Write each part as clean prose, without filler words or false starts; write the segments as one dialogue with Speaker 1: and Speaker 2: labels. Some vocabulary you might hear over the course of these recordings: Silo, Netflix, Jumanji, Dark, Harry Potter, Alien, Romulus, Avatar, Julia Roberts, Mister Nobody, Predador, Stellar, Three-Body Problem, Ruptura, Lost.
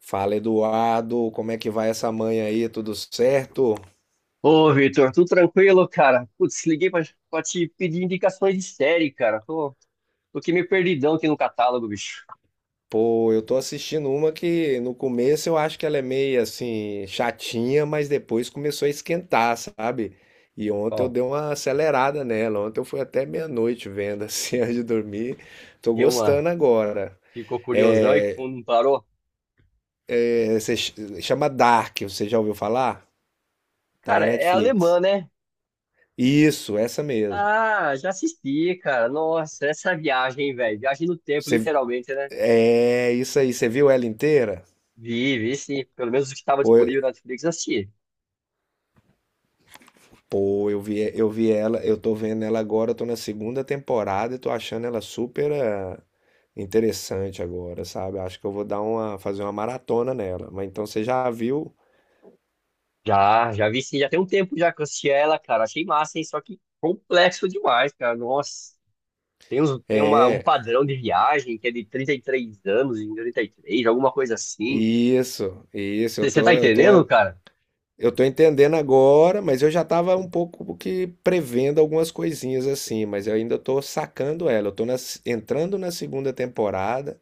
Speaker 1: Fala, Eduardo, como é que vai essa manhã aí? Tudo certo?
Speaker 2: Ô, Vitor, tudo tranquilo, cara? Putz, liguei pra te pedir indicações de série, cara. Tô aqui meio perdidão aqui no catálogo, bicho.
Speaker 1: Pô, eu tô assistindo uma que no começo eu acho que ela é meio assim chatinha, mas depois começou a esquentar, sabe? E ontem eu
Speaker 2: Qual?
Speaker 1: dei uma acelerada nela. Ontem eu fui até meia-noite vendo assim antes de dormir. Tô
Speaker 2: Deu uma...
Speaker 1: gostando agora.
Speaker 2: Ficou curiosão e
Speaker 1: É,
Speaker 2: não parou?
Speaker 1: é, se ch- chama Dark, você já ouviu falar? Tá na
Speaker 2: Cara, é alemã,
Speaker 1: Netflix.
Speaker 2: né?
Speaker 1: Isso, essa mesmo.
Speaker 2: Ah, já assisti, cara. Nossa, essa viagem, velho. Viagem no tempo,
Speaker 1: Você,
Speaker 2: literalmente, né?
Speaker 1: é isso aí, você viu ela inteira?
Speaker 2: Vi, vi sim. Pelo menos o que estava disponível na Netflix, eu assisti.
Speaker 1: Pô, eu vi ela, eu tô vendo ela agora, eu tô na segunda temporada e tô achando ela super interessante agora, sabe? Acho que eu vou fazer uma maratona nela. Mas então você já viu?
Speaker 2: Já, já vi sim. Já tem um tempo já que eu assisti ela, cara. Achei massa, hein? Só que complexo demais, cara. Nossa. Tem, uns, tem uma, um
Speaker 1: É,
Speaker 2: padrão de viagem que é de 33 anos em 33 alguma coisa assim.
Speaker 1: isso, eu
Speaker 2: Você tá
Speaker 1: tô, eu tô,
Speaker 2: entendendo, cara?
Speaker 1: eu tô entendendo agora, mas eu já tava um pouco que prevendo algumas coisinhas assim, mas eu ainda tô sacando ela. Entrando na segunda temporada.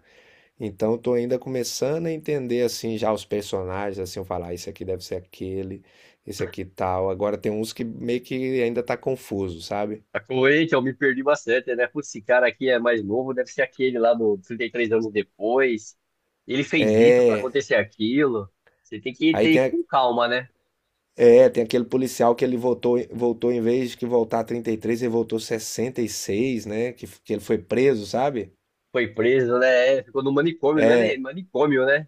Speaker 1: Então, tô ainda começando a entender assim já os personagens, assim, eu falar, "Ah, esse aqui deve ser aquele, esse aqui tal." Agora tem uns que meio que ainda tá confuso, sabe?
Speaker 2: Tá coerente, eu me perdi bastante, né? Putz, esse cara aqui é mais novo, deve ser aquele lá do 33 anos depois. Ele fez isso pra
Speaker 1: É.
Speaker 2: acontecer aquilo. Você tem que
Speaker 1: Aí
Speaker 2: ter
Speaker 1: tem, a-
Speaker 2: com calma, né?
Speaker 1: é, tem aquele policial que ele voltou em vez de que voltar 33, ele voltou 66, né? Que ele foi preso, sabe?
Speaker 2: Foi preso, né? É, ficou no manicômio, não é nem- manicômio, né?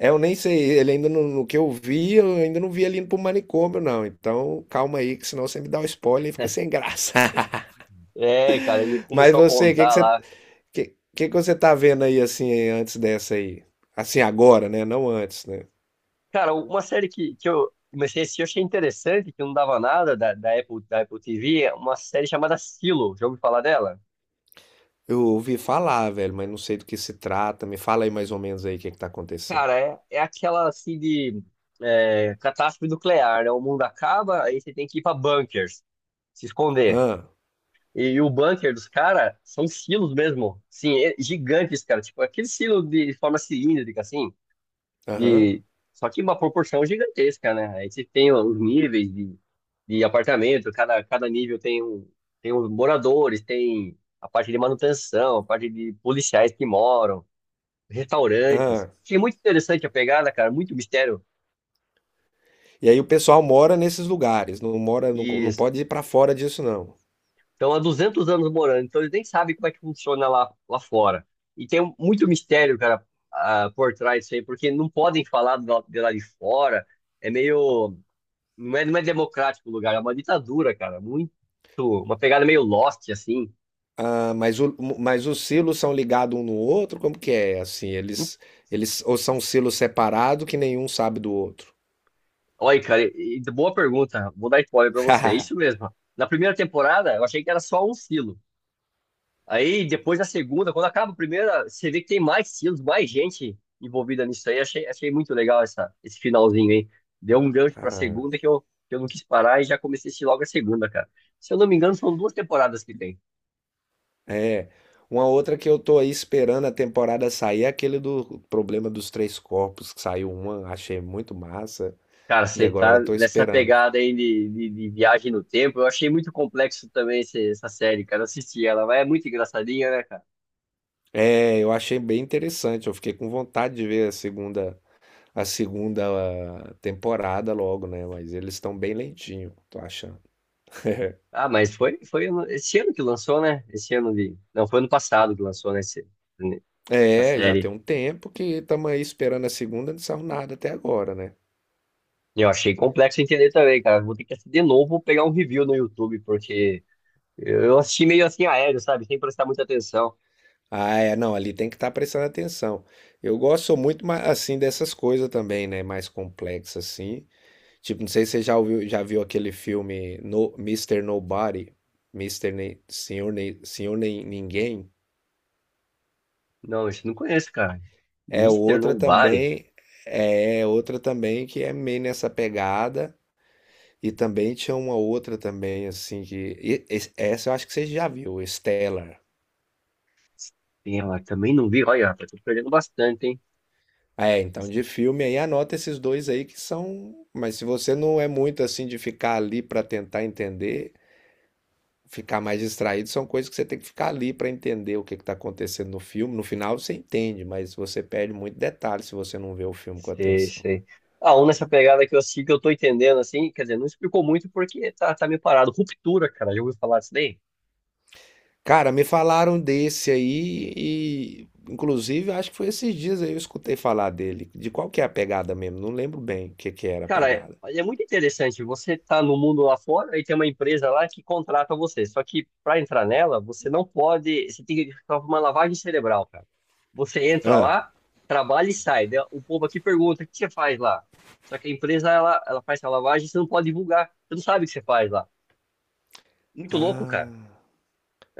Speaker 1: É, eu nem sei, ele ainda não, no que eu vi, eu ainda não vi ele indo pro manicômio, não. Então, calma aí, que senão você me dá o spoiler e fica sem graça.
Speaker 2: É, cara, ele
Speaker 1: Mas
Speaker 2: começou a
Speaker 1: você, o que que
Speaker 2: contar
Speaker 1: você,
Speaker 2: lá.
Speaker 1: Que que você tá vendo aí assim antes dessa aí? Assim agora, né? Não antes, né?
Speaker 2: Cara, uma série que eu comecei a assistir, eu achei interessante, que não dava nada da Apple, da Apple TV, é uma série chamada Silo. Já ouviu falar dela?
Speaker 1: Eu ouvi falar, velho, mas não sei do que se trata. Me fala aí mais ou menos aí o que que tá acontecendo.
Speaker 2: Cara, é aquela assim de é, catástrofe nuclear, né? O mundo acaba, aí você tem que ir pra bunkers, se esconder.
Speaker 1: Ah,
Speaker 2: E o bunker dos caras são silos mesmo. Sim, é- gigantes, cara. Tipo, aquele silo de forma cilíndrica, assim.
Speaker 1: aham,
Speaker 2: De, só que uma proporção gigantesca, né? Aí você tem os níveis de apartamento, cada nível tem um, tem os moradores, tem a parte de manutenção, a parte de policiais que moram, restaurantes.
Speaker 1: ah.
Speaker 2: Achei muito interessante a pegada, cara, muito mistério.
Speaker 1: E aí o pessoal mora nesses lugares, não mora, não,
Speaker 2: E
Speaker 1: não pode ir pra fora disso não.
Speaker 2: estão há duzentos anos morando, então eles nem sabem como é que funciona lá, lá fora. E tem muito mistério, cara, por trás disso aí, porque não podem falar do lado- de lá de fora. É meio, não é, não é democrático o lugar, é uma ditadura, cara. Muito. Uma pegada meio Lost, assim.
Speaker 1: Ah, mas os silos são ligados um no outro? Como que é? Assim, eles ou são silos separados que nenhum sabe do outro.
Speaker 2: Olha, cara, e boa pergunta. Vou dar spoiler pra você. É isso mesmo. Na primeira temporada, eu achei que era só um silo. Aí, depois da segunda, quando acaba a primeira, você vê que tem mais silos, mais gente envolvida nisso aí. Achei, achei muito legal essa, esse finalzinho aí. Deu um gancho pra
Speaker 1: Ah,
Speaker 2: segunda que eu não quis parar e já comecei a assistir logo a segunda, cara. Se eu não me engano, são duas temporadas que tem.
Speaker 1: é. Uma outra que eu tô aí esperando a temporada sair é aquele do problema dos três corpos, que saiu uma, achei muito massa,
Speaker 2: Cara,
Speaker 1: e
Speaker 2: você
Speaker 1: agora
Speaker 2: tá
Speaker 1: tô
Speaker 2: nessa
Speaker 1: esperando.
Speaker 2: pegada aí de viagem no tempo. Eu achei muito complexo também esse- essa série, cara. Eu assisti ela, mas é muito engraçadinha, né, cara?
Speaker 1: É, eu achei bem interessante, eu fiquei com vontade de ver a segunda temporada logo, né? Mas eles estão bem lentinho, tô achando.
Speaker 2: Ah, mas foi, foi ano- esse ano que lançou, né? Esse ano de. Não, foi ano passado que lançou, né? Esse- essa
Speaker 1: É, já tem
Speaker 2: série.
Speaker 1: um tempo que estamos aí esperando a segunda, não saiu nada até agora, né?
Speaker 2: E eu achei complexo entender também, cara. Vou ter que assistir de novo, pegar um review no YouTube, porque eu assisti meio assim aéreo, sabe? Sem prestar muita atenção.
Speaker 1: Ah, é, não, ali tem que estar prestando atenção. Eu gosto muito, assim, dessas coisas também, né? Mais complexas, assim. Tipo, não sei se você já ouviu, já viu aquele filme no, Mister Nobody, Mister Nem, Senhor, Nem, Senhor Nem Ninguém.
Speaker 2: Não, isso eu não conheço, cara.
Speaker 1: É
Speaker 2: Mister
Speaker 1: outra
Speaker 2: Nobody.
Speaker 1: também, outra também que é meio nessa pegada. E também tinha uma outra também, assim, que. Essa eu acho que você já viu, Stellar.
Speaker 2: Tem ela, também não vi. Olha, rapaz, tô perdendo bastante, hein?
Speaker 1: É, então de filme aí anota esses dois aí que são. Mas se você não é muito assim de ficar ali pra tentar entender, ficar mais distraído são coisas que você tem que ficar ali para entender o que está acontecendo no filme. No final você entende, mas você perde muito detalhe se você não vê o filme com
Speaker 2: Sei,
Speaker 1: atenção, né?
Speaker 2: sei. Ah, um nessa pegada que eu assisti que eu tô entendendo, assim, quer dizer, não explicou muito porque tá, tá meio parado. Ruptura, cara, já ouviu falar disso daí?
Speaker 1: Cara, me falaram desse aí e, inclusive, acho que foi esses dias aí eu escutei falar dele. De qual que é a pegada mesmo? Não lembro bem o que que era a
Speaker 2: Cara, é,
Speaker 1: pegada.
Speaker 2: é muito interessante. Você tá no mundo lá fora e tem uma empresa lá que contrata você. Só que para entrar nela, você não pode. Você tem que fazer uma lavagem cerebral, cara. Você entra
Speaker 1: Ah,
Speaker 2: lá, trabalha e sai. Daí o povo aqui pergunta: o que você faz lá? Só que a empresa, ela faz essa lavagem, você não pode divulgar. Você não sabe o que você faz lá. Muito louco, cara.
Speaker 1: ah.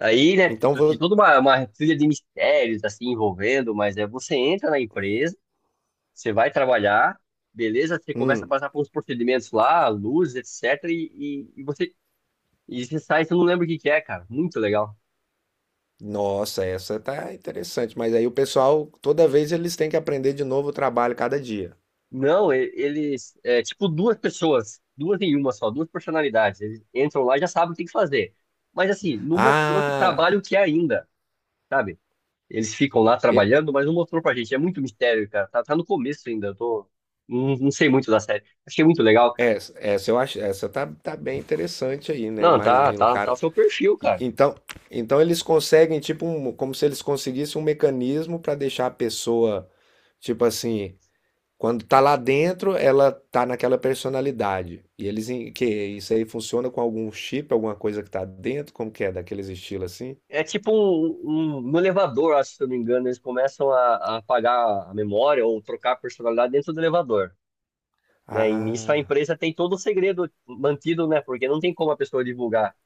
Speaker 2: Aí, né,
Speaker 1: Então
Speaker 2: tu tem
Speaker 1: vou.
Speaker 2: toda uma trilha de mistérios, assim, envolvendo, mas é, você entra na empresa, você vai trabalhar, beleza? Você começa a
Speaker 1: Hum.
Speaker 2: passar por uns procedimentos lá, luz, etc, e você, e você sai, você não lembra o que que é, cara. Muito legal.
Speaker 1: Nossa, essa tá interessante. Mas aí o pessoal, toda vez eles têm que aprender de novo o trabalho cada dia.
Speaker 2: Não, e- eles, é tipo duas pessoas, duas em uma só, duas personalidades. Eles entram lá e já sabem o que tem que fazer. Mas, assim, não mostrou que
Speaker 1: Ah,
Speaker 2: trabalho que é ainda, sabe? Eles ficam lá trabalhando, mas não mostrou pra gente. É muito mistério, cara. Tá, tá no começo ainda. Eu tô. Não, não sei muito da série. Achei muito legal, cara.
Speaker 1: Essa eu acho, essa tá bem interessante aí, né?
Speaker 2: Não, tá,
Speaker 1: Imagina o
Speaker 2: tá, tá
Speaker 1: cara.
Speaker 2: o seu perfil, cara.
Speaker 1: Então, eles conseguem, tipo, como se eles conseguissem um mecanismo para deixar a pessoa, tipo assim, quando tá lá dentro, ela tá naquela personalidade. E que isso aí funciona com algum chip, alguma coisa que tá dentro, como que é, daqueles estilos assim?
Speaker 2: É tipo um, no elevador, acho, se eu não me engano, eles começam a apagar a memória ou trocar a personalidade dentro do elevador, né? E nisso a
Speaker 1: Ah,
Speaker 2: empresa tem todo o segredo mantido, né? Porque não tem como a pessoa divulgar.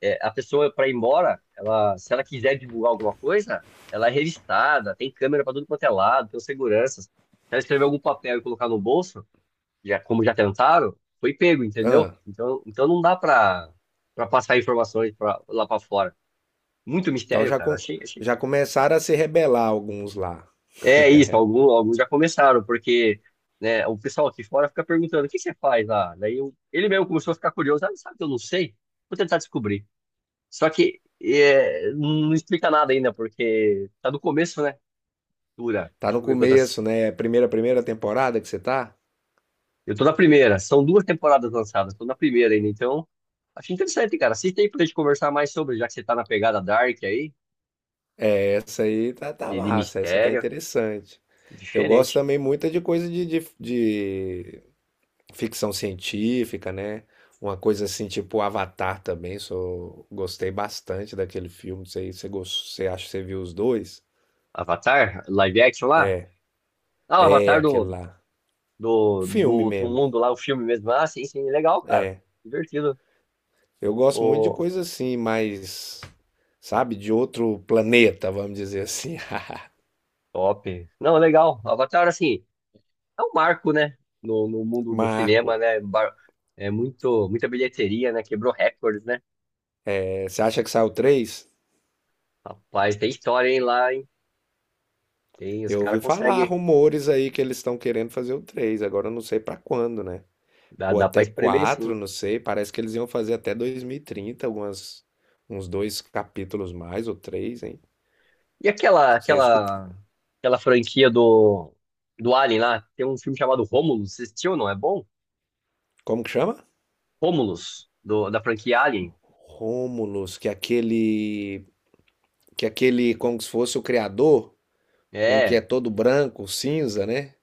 Speaker 2: É, a pessoa para ir embora, ela, se ela quiser divulgar alguma coisa, ela é revistada, tem câmera para tudo quanto é lado, tem seguranças. Se ela escrever algum papel e colocar no bolso, já como já tentaram, foi pego, entendeu?
Speaker 1: ah,
Speaker 2: Então, então não dá para para passar informações pra, lá para fora. Muito
Speaker 1: então
Speaker 2: mistério,
Speaker 1: já,
Speaker 2: cara. Achei, achei.
Speaker 1: já começaram a se rebelar alguns lá.
Speaker 2: É isso, algum, alguns já começaram, porque né, o pessoal aqui fora fica perguntando: o que você faz lá? Daí eu- ele mesmo começou a ficar curioso: ah, sabe que eu não sei? Vou tentar descobrir. Só que é, não explica nada ainda, porque tá do começo, né? Dura.
Speaker 1: Tá no
Speaker 2: Deixa eu ver quantas.
Speaker 1: começo, né? Primeira temporada que você tá?
Speaker 2: Eu tô na primeira. São duas temporadas lançadas. Tô na primeira ainda, então. Acho interessante, cara. Assista aí pra gente conversar mais sobre, já que você tá na pegada Dark aí,
Speaker 1: Essa aí tá
Speaker 2: de
Speaker 1: massa, essa tá
Speaker 2: mistério.
Speaker 1: interessante. Eu gosto
Speaker 2: Diferente.
Speaker 1: também muito de coisa de ficção científica, né? Uma coisa assim, tipo Avatar também, gostei bastante daquele filme. Você acha que você viu os dois?
Speaker 2: Avatar? Live action lá? Ah, o
Speaker 1: É,
Speaker 2: Avatar
Speaker 1: aquele
Speaker 2: do,
Speaker 1: lá.
Speaker 2: do, do
Speaker 1: Filme
Speaker 2: outro
Speaker 1: mesmo,
Speaker 2: mundo lá, o filme mesmo. Ah, sim, sim. Legal, cara.
Speaker 1: é.
Speaker 2: Divertido.
Speaker 1: Eu gosto muito de
Speaker 2: Ô,
Speaker 1: coisa assim, mais, sabe, de outro planeta, vamos dizer assim.
Speaker 2: top. Não, legal. Avatar, assim. É um marco, né? No mundo do cinema,
Speaker 1: Marco,
Speaker 2: né? Bar- é muito, muita bilheteria, né? Quebrou recorde, né?
Speaker 1: é, você acha que saiu três?
Speaker 2: Rapaz, tem história, hein, lá, hein? Tem, os
Speaker 1: Eu
Speaker 2: caras
Speaker 1: ouvi falar
Speaker 2: conseguem.
Speaker 1: rumores aí que eles estão querendo fazer o três. Agora eu não sei pra quando, né?
Speaker 2: Dá,
Speaker 1: Ou
Speaker 2: dá pra
Speaker 1: até
Speaker 2: espremer,
Speaker 1: 4,
Speaker 2: sim.
Speaker 1: não sei. Parece que eles iam fazer até 2030, algumas, uns dois capítulos mais, ou três, hein?
Speaker 2: E
Speaker 1: Não
Speaker 2: aquela,
Speaker 1: Sei, eu escutei.
Speaker 2: aquela, aquela franquia do Alien lá? Tem um filme chamado Romulus. Você assistiu, não? É bom?
Speaker 1: Como que chama?
Speaker 2: Romulus, do, da franquia Alien.
Speaker 1: Rômulus, que aquele. Que aquele, como se fosse o criador, um que é
Speaker 2: É.
Speaker 1: todo branco, cinza, né?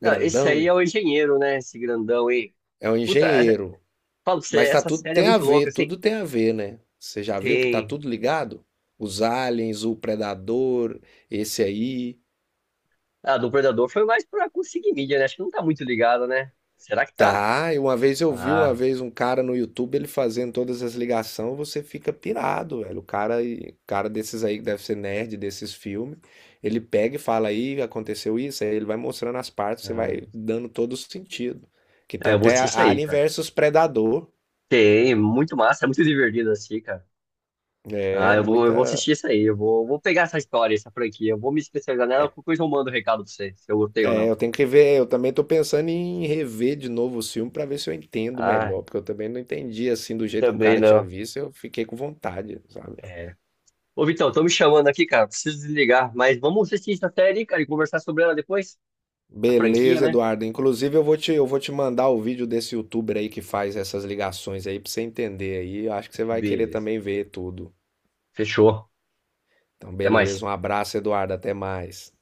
Speaker 2: Não, esse aí é
Speaker 1: Grandão.
Speaker 2: o engenheiro, né? Esse grandão aí.
Speaker 1: É um
Speaker 2: Puta, essa-
Speaker 1: engenheiro.
Speaker 2: falo pra você,
Speaker 1: Mas tá
Speaker 2: essa
Speaker 1: tudo
Speaker 2: série é
Speaker 1: tem a
Speaker 2: muito
Speaker 1: ver,
Speaker 2: louca. Assim,
Speaker 1: tudo tem a ver, né? Você já viu que tá
Speaker 2: tem.
Speaker 1: tudo ligado? Os aliens, o predador, esse aí.
Speaker 2: Ah, do Predador foi mais pra conseguir mídia, né? Acho que não tá muito ligado, né? Será que tá?
Speaker 1: Tá, e uma vez eu vi uma
Speaker 2: Ah,
Speaker 1: vez um cara no YouTube ele fazendo todas as ligações, você fica pirado, velho. Cara desses aí que deve ser nerd desses filmes, ele pega e fala aí, aconteceu isso, aí ele vai mostrando as partes, você vai
Speaker 2: ah,
Speaker 1: dando todo o sentido. Que tem
Speaker 2: eu vou
Speaker 1: até
Speaker 2: assistir isso aí,
Speaker 1: Alien
Speaker 2: cara.
Speaker 1: versus Predador.
Speaker 2: Tem, muito massa, é muito divertido assistir, cara. Ah,
Speaker 1: É,
Speaker 2: eu vou
Speaker 1: muita.
Speaker 2: assistir isso aí, eu vou, vou pegar essa história, essa franquia, eu vou me especializar nela, qualquer coisa eu mando o recado pra você, se eu gostei ou
Speaker 1: É,
Speaker 2: não.
Speaker 1: eu tenho que ver, eu também tô pensando em rever de novo o filme pra ver se eu entendo
Speaker 2: Ah,
Speaker 1: melhor, porque eu também não entendi assim do jeito que o
Speaker 2: também
Speaker 1: cara tinha
Speaker 2: não.
Speaker 1: visto, eu fiquei com vontade, sabe?
Speaker 2: É. Ô, Vitão, tô me chamando aqui, cara, preciso desligar, mas vamos assistir essa série, cara, e conversar sobre ela depois? A franquia,
Speaker 1: Beleza,
Speaker 2: né?
Speaker 1: Eduardo. Inclusive eu vou te mandar o vídeo desse youtuber aí que faz essas ligações aí pra você entender aí. Eu acho que você vai querer
Speaker 2: Beleza.
Speaker 1: também ver tudo.
Speaker 2: Fechou.
Speaker 1: Então,
Speaker 2: Até
Speaker 1: beleza.
Speaker 2: mais.
Speaker 1: Um abraço, Eduardo. Até mais.